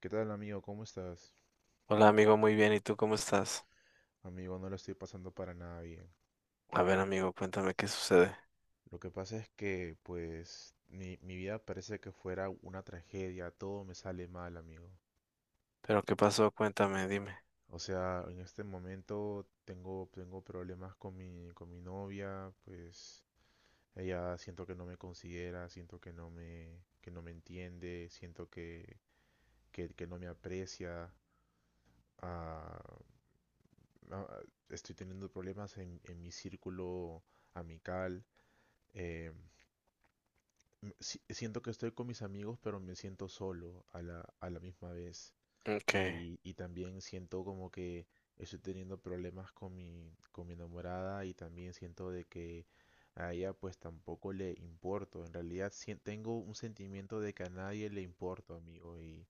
¿Qué tal, amigo? ¿Cómo estás? Hola amigo, muy bien. ¿Y tú cómo estás? Amigo, no lo estoy pasando para nada bien. A ver amigo, cuéntame qué sucede. Lo que pasa es que, pues, mi vida parece que fuera una tragedia, todo me sale mal, amigo. ¿Pero qué pasó? Cuéntame, dime. O sea, en este momento tengo problemas con mi novia, pues ella siento que no me considera, siento que no que no me entiende, siento que no me aprecia. Ah, ah, estoy teniendo problemas en mi círculo amical. em, Siento que estoy con mis amigos, pero me siento solo a la misma vez. Okay. Y también siento como que estoy teniendo problemas con mi enamorada y también siento de que a ella pues tampoco le importo. En realidad tengo un sentimiento de que a nadie le importo, amigo, y,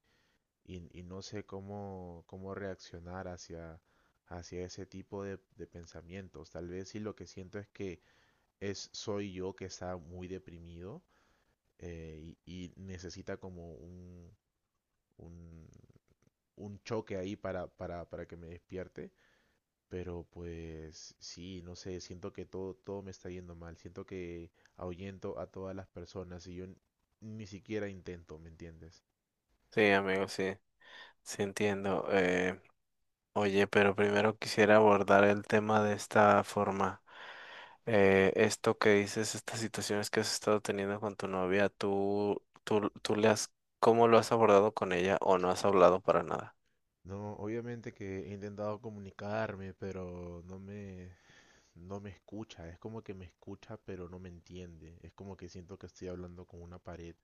y, y no sé cómo reaccionar hacia ese tipo de pensamientos. Tal vez si lo que siento es que es, soy yo que está muy deprimido y necesita como un, un choque ahí para que me despierte. Pero pues sí, no sé, siento que todo me está yendo mal, siento que ahuyento a todas las personas y yo ni siquiera intento, ¿me entiendes? Sí amigo, sí. Sí entiendo. Oye, pero primero quisiera abordar el tema de esta forma. Esto que dices, estas situaciones que has estado teniendo con tu novia, ¿tú le has, ¿cómo lo has abordado con ella o no has hablado para nada? No, obviamente que he intentado comunicarme, pero no no me escucha, es como que me escucha pero no me entiende, es como que siento que estoy hablando con una pared,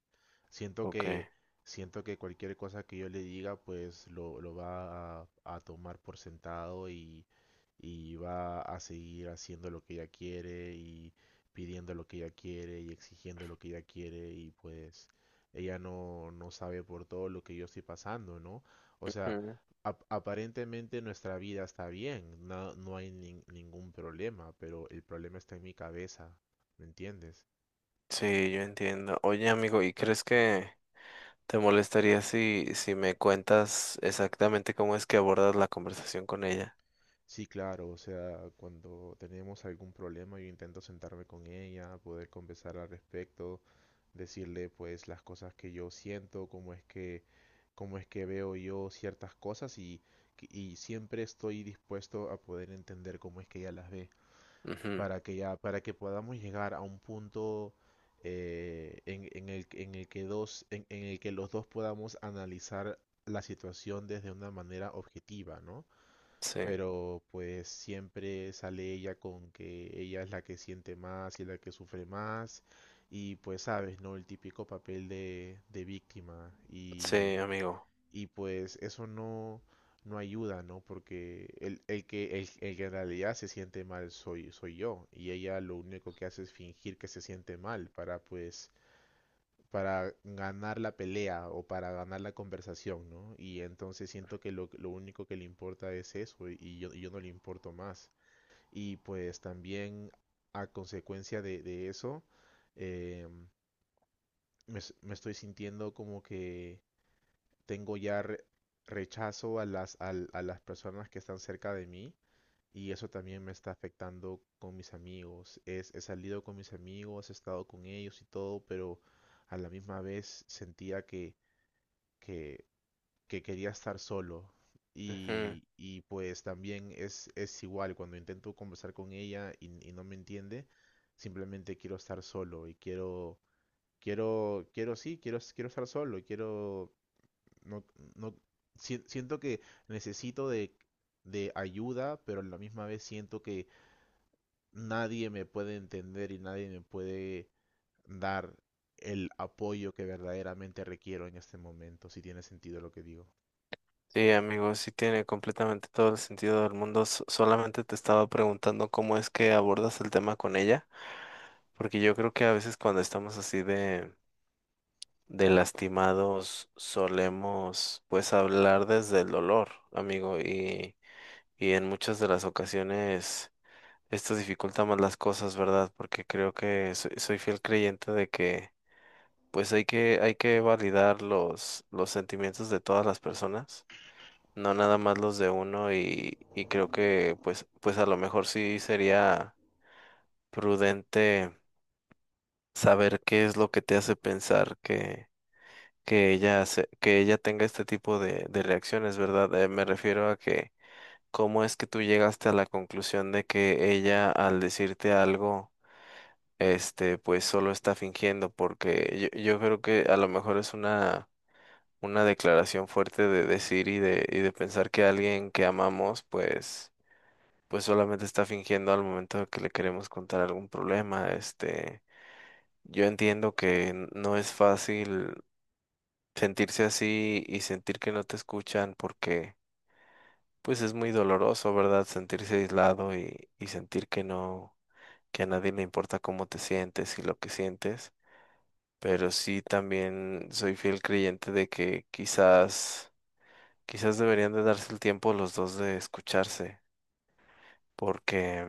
siento Okay. que siento que cualquier cosa que yo le diga pues lo va a tomar por sentado y va a seguir haciendo lo que ella quiere y pidiendo lo que ella quiere y exigiendo lo que ella quiere y pues ella no, no sabe por todo lo que yo estoy pasando, ¿no? O sea, Ujú. Aparentemente nuestra vida está bien, no, no hay ningún problema, pero el problema está en mi cabeza, ¿me entiendes? Sí, yo entiendo. Oye amigo, ¿y crees que... ¿Te molestaría si me cuentas exactamente cómo es que abordas la conversación con ella? Sí, claro, o sea, cuando tenemos algún problema yo intento sentarme con ella, poder conversar al respecto, decirle pues las cosas que yo siento, cómo es que veo yo ciertas cosas y siempre estoy dispuesto a poder entender cómo es que ella las ve. Ujú. Para que ya, para que podamos llegar a un punto en el que dos, en el que los dos podamos analizar la situación desde una manera objetiva, ¿no? Sí, Pero pues siempre sale ella con que ella es la que siente más y la que sufre más. Y pues sabes, ¿no? El típico papel de víctima. sí, y amigo. y pues eso no, no ayuda, ¿no? Porque el que en realidad se siente mal soy, soy yo. Y ella lo único que hace es fingir que se siente mal para pues para ganar la pelea o para ganar la conversación, ¿no? Y entonces siento que lo único que le importa es eso y yo no le importo más. Y pues también a consecuencia de eso, eh, me estoy sintiendo como que tengo ya rechazo a las personas que están cerca de mí y eso también me está afectando con mis amigos. He salido con mis amigos, he estado con ellos y todo, pero a la misma vez sentía que, que quería estar solo. Ujú. Y pues también es igual, cuando intento conversar con ella y no me entiende, simplemente quiero estar solo y quiero estar solo, quiero no, no, si- siento que necesito de ayuda, pero a la misma vez siento que nadie me puede entender y nadie me puede dar el apoyo que verdaderamente requiero en este momento, si tiene sentido lo que digo. Sí, amigo, sí tiene completamente todo el sentido del mundo. Solamente te estaba preguntando cómo es que abordas el tema con ella, porque yo creo que a veces cuando estamos así de lastimados solemos pues hablar desde el dolor, amigo, y en muchas de las ocasiones... esto dificulta más las cosas, ¿verdad? Porque creo que soy, soy fiel creyente de que pues hay que validar los sentimientos de todas las personas, no nada más los de uno y creo que pues, pues a lo mejor sí sería prudente saber qué es lo que te hace pensar que ella que ella tenga este tipo de reacciones, ¿verdad? Me refiero a que cómo es que tú llegaste a la conclusión de que ella al decirte algo este, pues solo está fingiendo, porque yo creo que a lo mejor es una declaración fuerte de decir y de pensar que alguien que amamos, pues, pues solamente está fingiendo al momento de que le queremos contar algún problema. Este, yo entiendo que no es fácil sentirse así y sentir que no te escuchan porque, pues, es muy doloroso, ¿verdad? Sentirse aislado y sentir que no, que a nadie le importa cómo te sientes y lo que sientes. Pero sí también soy fiel creyente de que quizás, quizás deberían de darse el tiempo los dos de escucharse, porque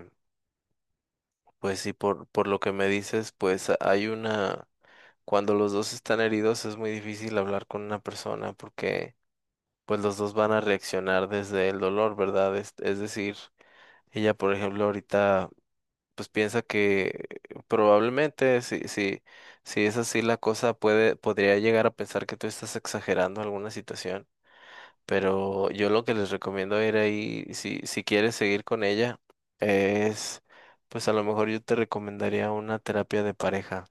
pues sí, por lo que me dices, pues hay una, cuando los dos están heridos es muy difícil hablar con una persona porque pues los dos van a reaccionar desde el dolor, ¿verdad? Es decir, ella por ejemplo ahorita pues piensa que probablemente si es así la cosa puede, podría llegar a pensar que tú estás exagerando alguna situación. Pero yo lo que les recomiendo ir ahí, si quieres seguir con ella, es, pues a lo mejor yo te recomendaría una terapia de pareja.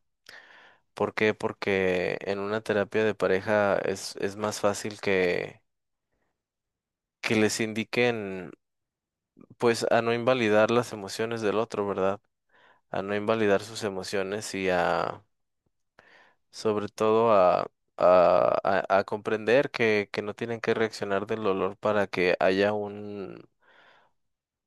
¿Por qué? Porque en una terapia de pareja es más fácil que les indiquen, pues a no invalidar las emociones del otro, ¿verdad? A no invalidar sus emociones y a sobre todo a, a comprender que no tienen que reaccionar del dolor para que haya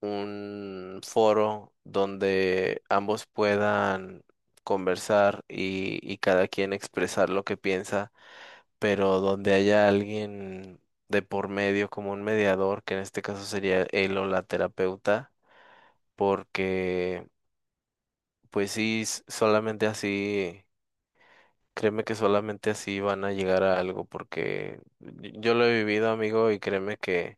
un foro donde ambos puedan conversar y cada quien expresar lo que piensa, pero donde haya alguien de por medio como un mediador, que en este caso sería él o la terapeuta, porque pues sí, solamente así. Créeme que solamente así van a llegar a algo, porque yo lo he vivido, amigo, y créeme que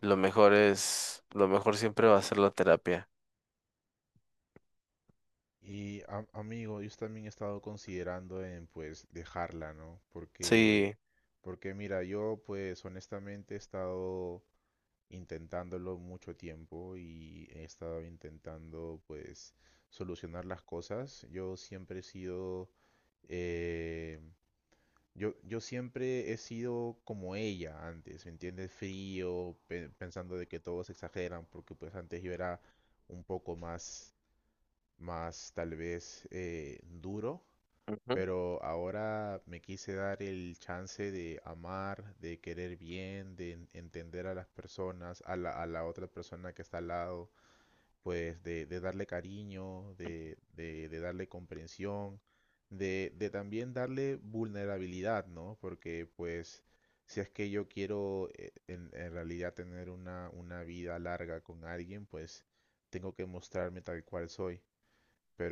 lo mejor es, lo mejor siempre va a ser la terapia. Y amigo, yo también he estado considerando en pues dejarla, ¿no? Porque, Sí, porque mira, yo pues honestamente he estado intentándolo mucho tiempo y he estado intentando pues solucionar las cosas. Yo siempre he sido, eh, yo siempre he sido como ella antes, ¿me entiendes? Frío, pensando de que todos exageran, porque pues antes yo era un poco más, más tal vez duro, ujú, pero ahora me quise dar el chance de amar, de querer bien, de entender a las personas, a la otra persona que está al lado, pues de darle cariño, de darle comprensión, de también darle vulnerabilidad, ¿no? Porque pues si es que yo quiero en realidad tener una vida larga con alguien, pues tengo que mostrarme tal cual soy,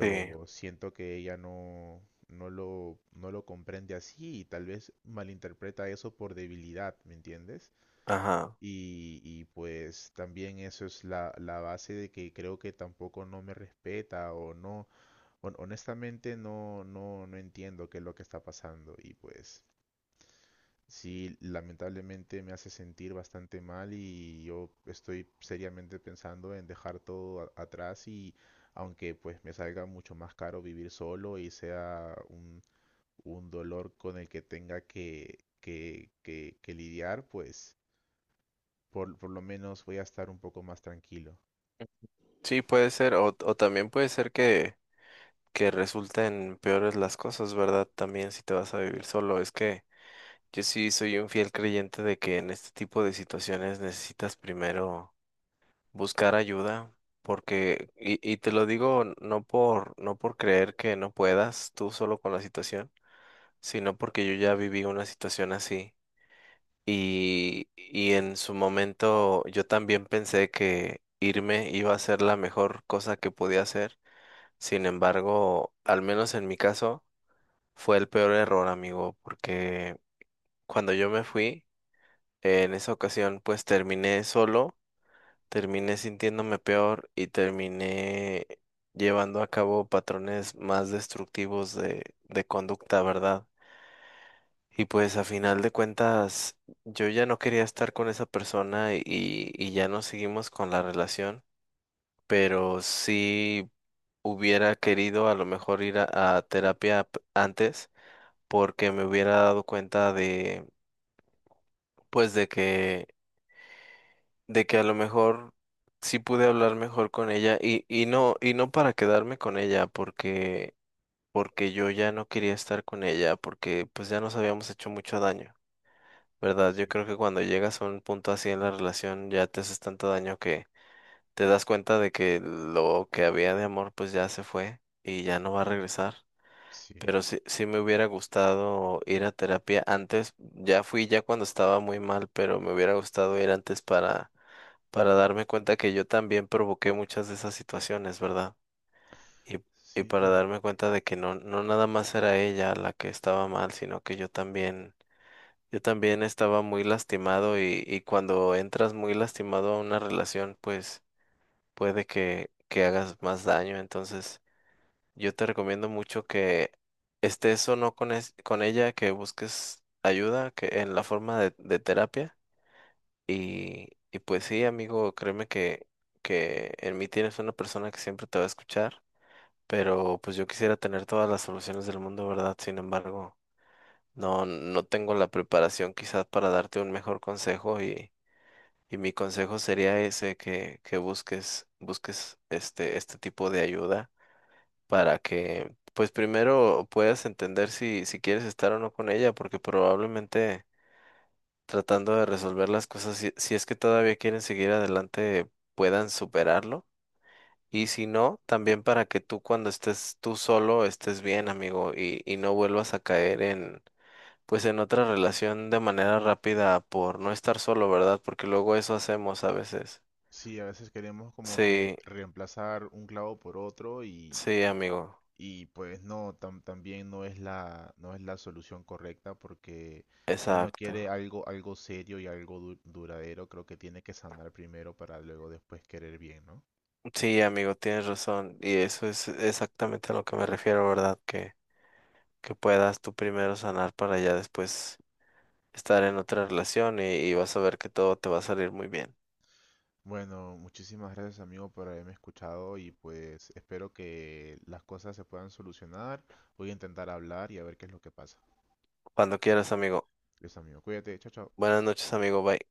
sí, siento que ella no, no lo comprende así y tal vez malinterpreta eso por debilidad, ¿me entiendes? ajá. Y pues también eso es la base de que creo que tampoco no me respeta o no, honestamente no entiendo qué es lo que está pasando y pues sí, lamentablemente me hace sentir bastante mal y yo estoy seriamente pensando en dejar todo atrás y aunque pues me salga mucho más caro vivir solo y sea un dolor con el que tenga que lidiar, pues por lo menos voy a estar un poco más tranquilo. Sí, puede ser, o también puede ser que resulten peores las cosas, ¿verdad? También si te vas a vivir solo. Es que yo sí soy un fiel creyente de que en este tipo de situaciones necesitas primero buscar ayuda, porque, y te lo digo no por, no por creer que no puedas tú solo con la situación, sino porque yo ya viví una situación así y en su momento yo también pensé que irme iba a ser la mejor cosa que podía hacer. Sin embargo, al menos en mi caso, fue el peor error, amigo, porque cuando yo me fui, en esa ocasión pues terminé solo. Terminé sintiéndome peor y terminé llevando a cabo patrones más destructivos de conducta, ¿verdad? Y pues a final de cuentas, yo ya no quería estar con esa persona y ya no seguimos con la relación, pero sí hubiera querido a lo mejor ir a terapia antes, porque me hubiera dado cuenta de, pues de que a lo mejor sí pude hablar mejor con ella y no para quedarme con ella, porque, porque yo ya no quería estar con ella, porque pues ya nos habíamos hecho mucho daño, ¿verdad? Yo Sí, creo que cuando llegas a un punto así en la relación ya te haces tanto daño que te das cuenta de que lo que había de amor pues ya se fue y ya no va a regresar. sí, Pero sí, sí me hubiera gustado ir a terapia antes, ya fui ya cuando estaba muy mal, pero me hubiera gustado ir antes para darme cuenta que yo también provoqué muchas de esas situaciones, ¿verdad? Y, y sí, para claro. darme cuenta de que no, no nada más era ella la que estaba mal, sino que yo también estaba muy lastimado y cuando entras muy lastimado a una relación, pues puede que hagas más daño. Entonces, yo te recomiendo mucho que estés o no con, con ella, que busques ayuda, que en la forma de terapia y pues sí, amigo, créeme que en mí tienes una persona que siempre te va a escuchar, pero pues yo quisiera tener todas las soluciones del mundo, ¿verdad? Sin embargo, no, no tengo la preparación quizás para darte un mejor consejo y mi consejo sería ese, que busques, busques este, este tipo de ayuda para que, pues primero puedas entender si quieres estar o no con ella, porque probablemente tratando de resolver las cosas, si es que todavía quieren seguir adelante, puedan superarlo. Y si no, también para que tú cuando estés tú solo estés bien, amigo, y no vuelvas a caer en, pues en otra relación de manera rápida por no estar solo, ¿verdad? Porque luego eso hacemos a veces. Sí, a veces queremos como que Sí, reemplazar un clavo por otro. sí, amigo, Y pues no, también no es la, no es la solución correcta, porque si uno quiere exacto. algo, algo serio y algo duradero, creo que tiene que sanar primero para luego después querer bien, ¿no? Sí, amigo, tienes razón. Y eso es exactamente a lo que me refiero, ¿verdad? Que puedas tú primero sanar para ya después estar en otra relación y vas a ver que todo te va a salir muy bien. Bueno, muchísimas gracias amigo por haberme escuchado y pues espero que las cosas se puedan solucionar. Voy a intentar hablar y a ver qué es lo que pasa. Cuando quieras, amigo. Gracias amigo, cuídate, chao, chao. Buenas noches, amigo. Bye.